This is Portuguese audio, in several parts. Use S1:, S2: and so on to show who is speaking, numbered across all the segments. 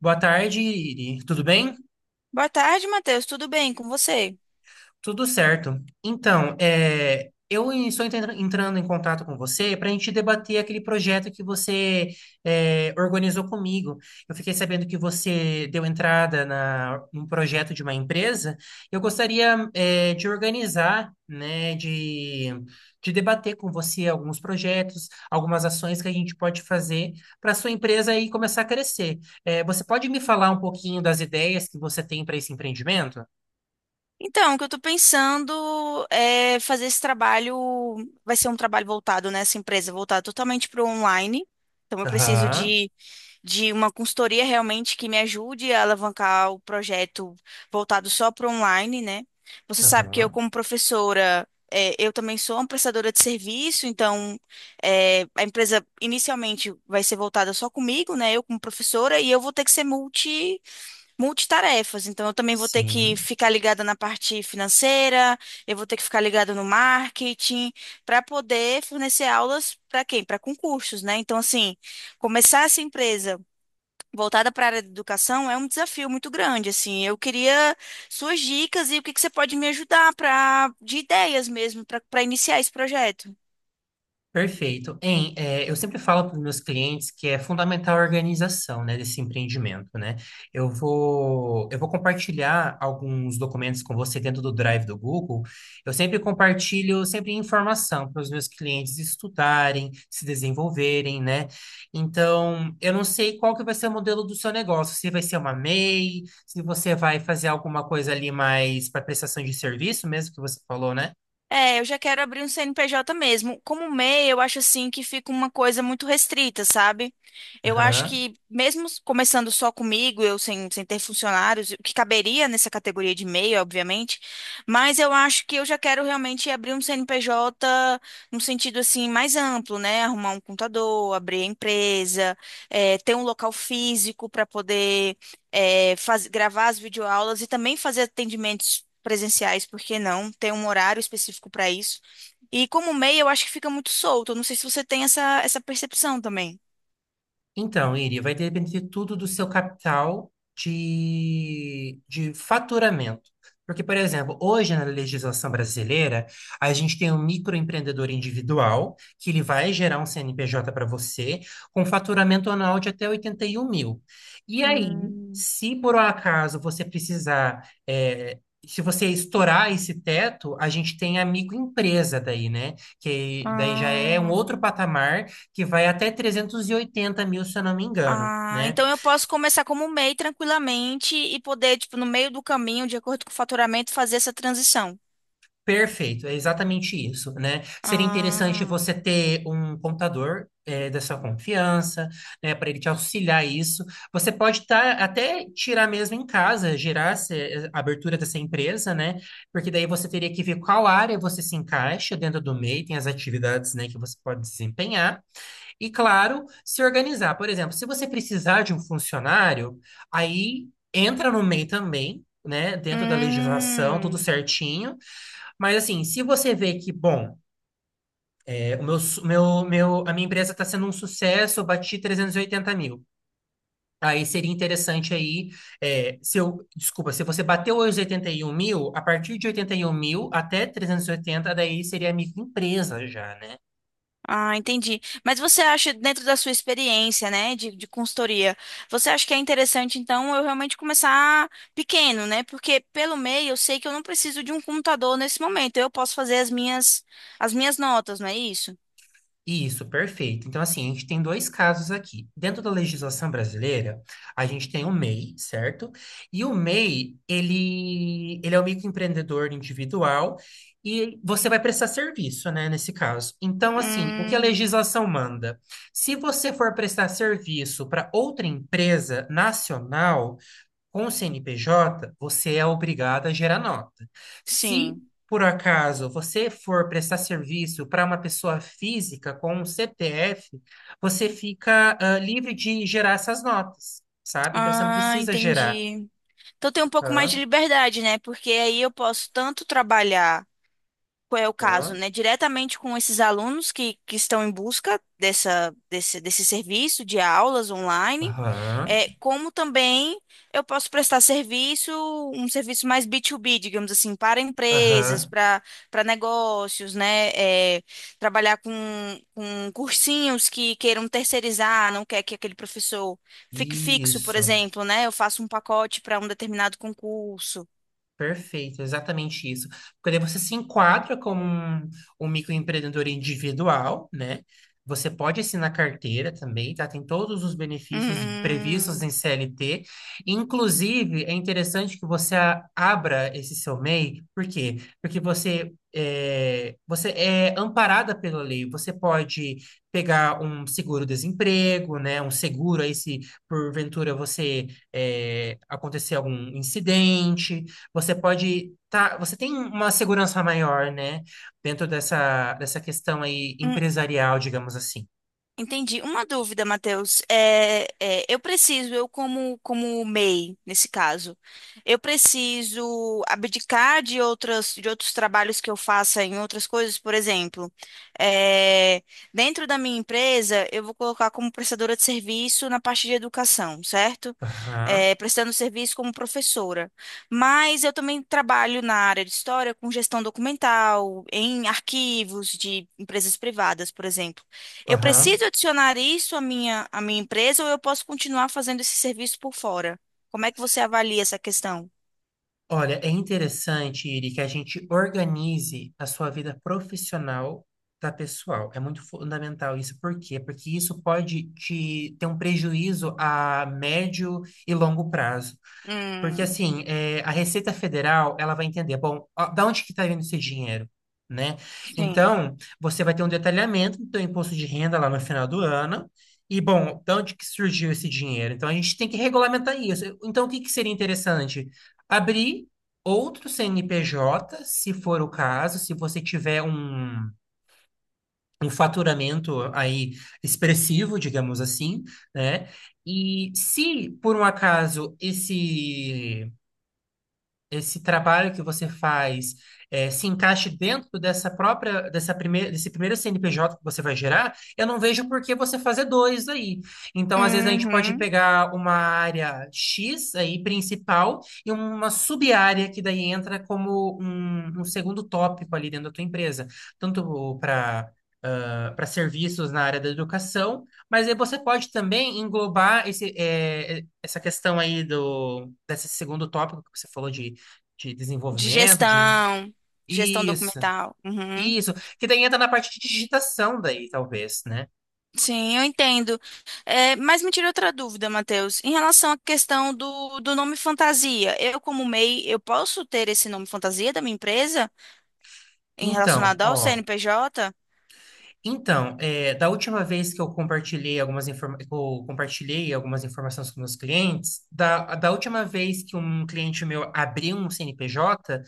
S1: Boa tarde, Iri. Tudo bem?
S2: Boa tarde, Matheus. Tudo bem com você?
S1: Tudo certo. Então, eu estou entrando em contato com você para a gente debater aquele projeto que você organizou comigo. Eu fiquei sabendo que você deu entrada num projeto de uma empresa. Eu gostaria de organizar, né, de debater com você alguns projetos, algumas ações que a gente pode fazer para a sua empresa aí começar a crescer. Você pode me falar um pouquinho das ideias que você tem para esse empreendimento?
S2: Então, o que eu tô pensando é fazer esse trabalho, vai ser um trabalho voltado nessa empresa, voltado totalmente para o online. Então, eu preciso
S1: Aham.
S2: de uma consultoria realmente que me ajude a alavancar o projeto voltado só para o online, né? Você sabe que eu,
S1: Aham,
S2: como professora, eu também sou uma prestadora de serviço, então a empresa inicialmente vai ser voltada só comigo, né? Eu como professora, e eu vou ter que ser multitarefas. Então, eu também vou ter que
S1: sim,
S2: ficar ligada na parte financeira, eu vou ter que ficar ligada no marketing, para poder fornecer aulas para quem? Para concursos, né? Então, assim, começar essa empresa voltada para a área de educação é um desafio muito grande, assim. Eu queria suas dicas e o que que você pode me ajudar para de ideias mesmo para iniciar esse projeto.
S1: perfeito. Eu sempre falo para os meus clientes que é fundamental a organização, né, desse empreendimento, né? Eu vou compartilhar alguns documentos com você dentro do Drive do Google. Eu sempre compartilho sempre informação para os meus clientes estudarem, se desenvolverem, né? Então, eu não sei qual que vai ser o modelo do seu negócio, se vai ser uma MEI, se você vai fazer alguma coisa ali mais para prestação de serviço mesmo que você falou, né?
S2: É, eu já quero abrir um CNPJ mesmo. Como MEI, eu acho assim que fica uma coisa muito restrita, sabe? Eu acho que mesmo começando só comigo, eu sem ter funcionários, o que caberia nessa categoria de MEI, obviamente, mas eu acho que eu já quero realmente abrir um CNPJ no sentido assim mais amplo, né? Arrumar um contador, abrir a empresa, ter um local físico para poder gravar as videoaulas e também fazer atendimentos presenciais, por que não? Ter um horário específico para isso. E como MEI, eu acho que fica muito solto. Eu não sei se você tem essa percepção também.
S1: Então, Iri, vai depender tudo do seu capital de faturamento. Porque, por exemplo, hoje na legislação brasileira, a gente tem um microempreendedor individual, que ele vai gerar um CNPJ para você, com faturamento anual de até 81 mil. E aí,
S2: Hum.
S1: se por um acaso você precisar, se você estourar esse teto, a gente tem a microempresa daí, né? Que daí já é um outro
S2: Ah.
S1: patamar que vai até 380 mil, se eu não me engano,
S2: Ah,
S1: né?
S2: então eu posso começar como MEI tranquilamente e poder, tipo, no meio do caminho, de acordo com o faturamento, fazer essa transição.
S1: Perfeito, é exatamente isso, né? Seria interessante
S2: Ah,
S1: você ter um contador da sua confiança, né? Para ele te auxiliar isso. Você pode tá, até tirar mesmo em casa, gerar a abertura dessa empresa, né? Porque daí você teria que ver qual área você se encaixa dentro do MEI, tem as atividades, né, que você pode desempenhar. E, claro, se organizar. Por exemplo, se você precisar de um funcionário, aí entra no MEI também, né? Dentro da legislação, tudo
S2: hum.
S1: certinho. Mas, assim, se você vê que, bom, o meu, su- meu, a minha empresa está sendo um sucesso, eu bati 380 mil. Aí seria interessante aí, se eu, desculpa, se você bateu os 81 mil, a partir de 81 mil até 380, daí seria microempresa já, né?
S2: Ah, entendi. Mas você acha, dentro da sua experiência, né, de consultoria, você acha que é interessante, então, eu realmente começar pequeno, né? Porque pelo meio eu sei que eu não preciso de um computador nesse momento. Eu posso fazer as minhas notas, não é isso?
S1: Isso, perfeito. Então, assim, a gente tem dois casos aqui. Dentro da legislação brasileira, a gente tem o MEI, certo? E o MEI, ele é o microempreendedor individual e você vai prestar serviço, né, nesse caso. Então, assim, o que a
S2: Hum,
S1: legislação manda? Se você for prestar serviço para outra empresa nacional, com o CNPJ, você é obrigado a gerar nota. Se
S2: sim.
S1: por acaso você for prestar serviço para uma pessoa física com um CPF, você fica livre de gerar essas notas, sabe? Então você não
S2: Ah,
S1: precisa gerar.
S2: entendi. Então tem um pouco mais de
S1: Aham,
S2: liberdade, né? Porque aí eu posso tanto trabalhar, qual é o caso,
S1: aham,
S2: né? Diretamente com esses alunos que estão em busca desse serviço de aulas online.
S1: aham,
S2: É, como também eu posso prestar serviço, um serviço mais B2B, digamos assim, para empresas,
S1: aham.
S2: para negócios, né? É, trabalhar com cursinhos que queiram terceirizar, não quer que aquele professor fique fixo, por
S1: Isso.
S2: exemplo, né? Eu faço um pacote para um determinado concurso.
S1: Perfeito, exatamente isso. Porque daí você se enquadra como um microempreendedor individual, né? Você pode assinar carteira também, tá? Tem todos os benefícios previstos em
S2: Hum,
S1: CLT. Inclusive, é interessante que você abra esse seu MEI, por quê? Porque você é amparada pela lei. Você pode pegar um seguro-desemprego, né? Um seguro aí se porventura você acontecer algum incidente você tem uma segurança maior, né, dentro dessa questão aí
S2: hum.
S1: empresarial, digamos assim.
S2: Entendi. Uma dúvida, Matheus. Eu preciso, eu como MEI, nesse caso, eu preciso abdicar de outras, de outros trabalhos que eu faça em outras coisas, por exemplo, é, dentro da minha empresa, eu vou colocar como prestadora de serviço na parte de educação, certo?
S1: Aham,
S2: É, prestando serviço como professora. Mas eu também trabalho na área de história com gestão documental, em arquivos de empresas privadas, por exemplo. Eu
S1: aham.
S2: preciso adicionar isso à minha empresa ou eu posso continuar fazendo esse serviço por fora? Como é que você avalia essa questão?
S1: Olha, é interessante, Iri, que a gente organize a sua vida profissional da pessoal. É muito fundamental isso. Por quê? Porque isso pode te ter um prejuízo a médio e longo prazo. Porque
S2: Hum,
S1: assim, a Receita Federal, ela vai entender, bom, ó, da onde que está vindo esse dinheiro, né?
S2: sim.
S1: Então, você vai ter um detalhamento do teu imposto de renda lá no final do ano, e bom, da onde que surgiu esse dinheiro? Então, a gente tem que regulamentar isso. Então, o que que seria interessante? Abrir outro CNPJ, se for o caso, se você tiver um faturamento aí expressivo, digamos assim, né? E se, por um acaso, esse trabalho que você faz se encaixe dentro dessa própria, dessa primeira, desse primeiro CNPJ que você vai gerar, eu não vejo por que você fazer dois aí. Então, às vezes, a gente pode
S2: Uhum.
S1: pegar uma área X aí, principal, e uma sub-área que daí entra como um segundo tópico ali dentro da tua empresa, tanto para serviços na área da educação, mas aí você pode também englobar essa questão aí desse segundo tópico que você falou de
S2: De
S1: desenvolvimento, de
S2: gestão, de gestão
S1: isso,
S2: documental. Uhum.
S1: isso, que daí entra na parte de digitação daí, talvez, né?
S2: Sim, eu entendo. É, mas me tirou outra dúvida, Matheus. Em relação à questão do nome fantasia, eu, como MEI, eu posso ter esse nome fantasia da minha empresa em
S1: Então,
S2: relacionado ao
S1: ó.
S2: CNPJ?
S1: Então, da última vez que eu compartilhei algumas informações com meus clientes, da última vez que um cliente meu abriu um CNPJ,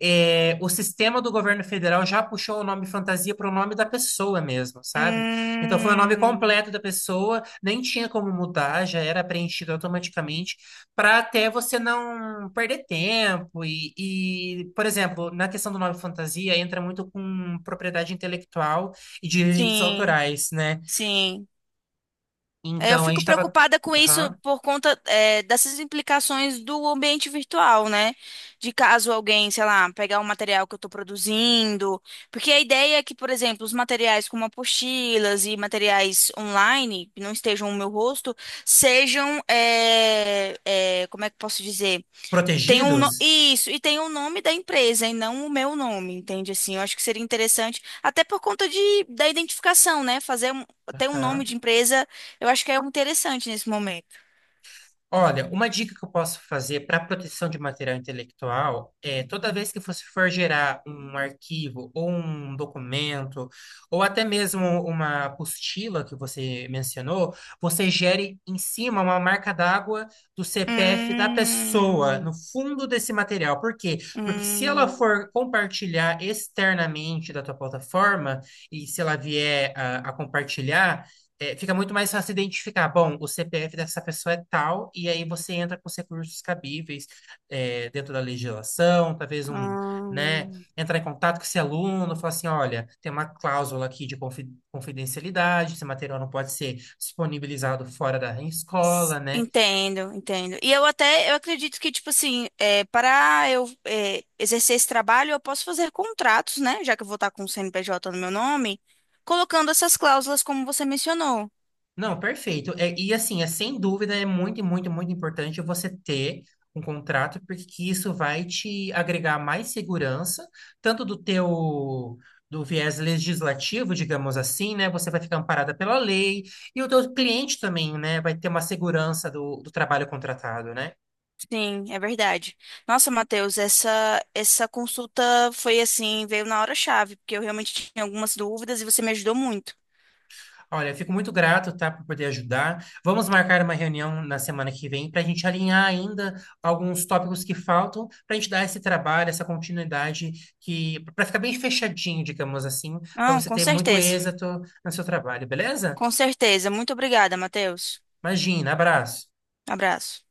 S1: o sistema do governo federal já puxou o nome fantasia para o nome da pessoa mesmo, sabe? Então foi o nome
S2: Hum,
S1: completo da pessoa, nem tinha como mudar, já era preenchido automaticamente, para até você não perder tempo. E, por exemplo, na questão do nome fantasia, entra muito com propriedade intelectual e direitos
S2: sim,
S1: autorais, né?
S2: sim. É, eu
S1: Então, a gente
S2: fico
S1: estava
S2: preocupada com isso por conta, é, dessas implicações do ambiente virtual, né? De caso alguém, sei lá, pegar o material que eu estou produzindo. Porque a ideia é que, por exemplo, os materiais como apostilas e materiais online, que não estejam no meu rosto, sejam, como é que eu posso dizer? Tem um,
S1: protegidos.
S2: isso, e tem o nome da empresa e não o meu nome, entende? Assim, eu acho que seria interessante, até por conta da identificação, né? Fazer um, ter um nome
S1: Aham.
S2: de empresa, eu acho que é interessante nesse momento.
S1: Olha, uma dica que eu posso fazer para proteção de material intelectual é toda vez que você for gerar um arquivo ou um documento, ou até mesmo uma apostila que você mencionou, você gere em cima uma marca d'água do CPF da pessoa, no
S2: Hum,
S1: fundo desse material. Por quê? Porque se ela
S2: hum,
S1: for compartilhar externamente da tua plataforma, e se ela vier a compartilhar fica muito mais fácil identificar. Bom, o CPF dessa pessoa é tal, e aí você entra com os recursos cabíveis, dentro da legislação, talvez um, né,
S2: hum.
S1: entrar em contato com esse aluno, falar assim, olha, tem uma cláusula aqui de confidencialidade, esse material não pode ser disponibilizado fora da escola, né?
S2: Entendo, entendo. E eu até, eu acredito que, tipo assim, para eu exercer esse trabalho, eu posso fazer contratos, né? Já que eu vou estar com o CNPJ no meu nome, colocando essas cláusulas como você mencionou.
S1: Não, perfeito. E assim, é sem dúvida, é muito, muito, muito importante você ter um contrato, porque que isso vai te agregar mais segurança, tanto do viés legislativo, digamos assim, né? Você vai ficar amparada pela lei, e o teu cliente também, né, vai ter uma segurança do trabalho contratado, né?
S2: Sim, é verdade. Nossa, Matheus, essa consulta foi assim, veio na hora-chave, porque eu realmente tinha algumas dúvidas e você me ajudou muito.
S1: Olha, fico muito grato, tá, por poder ajudar. Vamos marcar uma reunião na semana que vem para a gente alinhar ainda alguns tópicos que faltam, para a gente dar esse trabalho, essa continuidade, que para ficar bem fechadinho, digamos assim, para
S2: Não,
S1: você
S2: com
S1: ter muito
S2: certeza.
S1: êxito no seu trabalho, beleza?
S2: Com certeza. Muito obrigada, Matheus.
S1: Imagina, abraço.
S2: Abraço.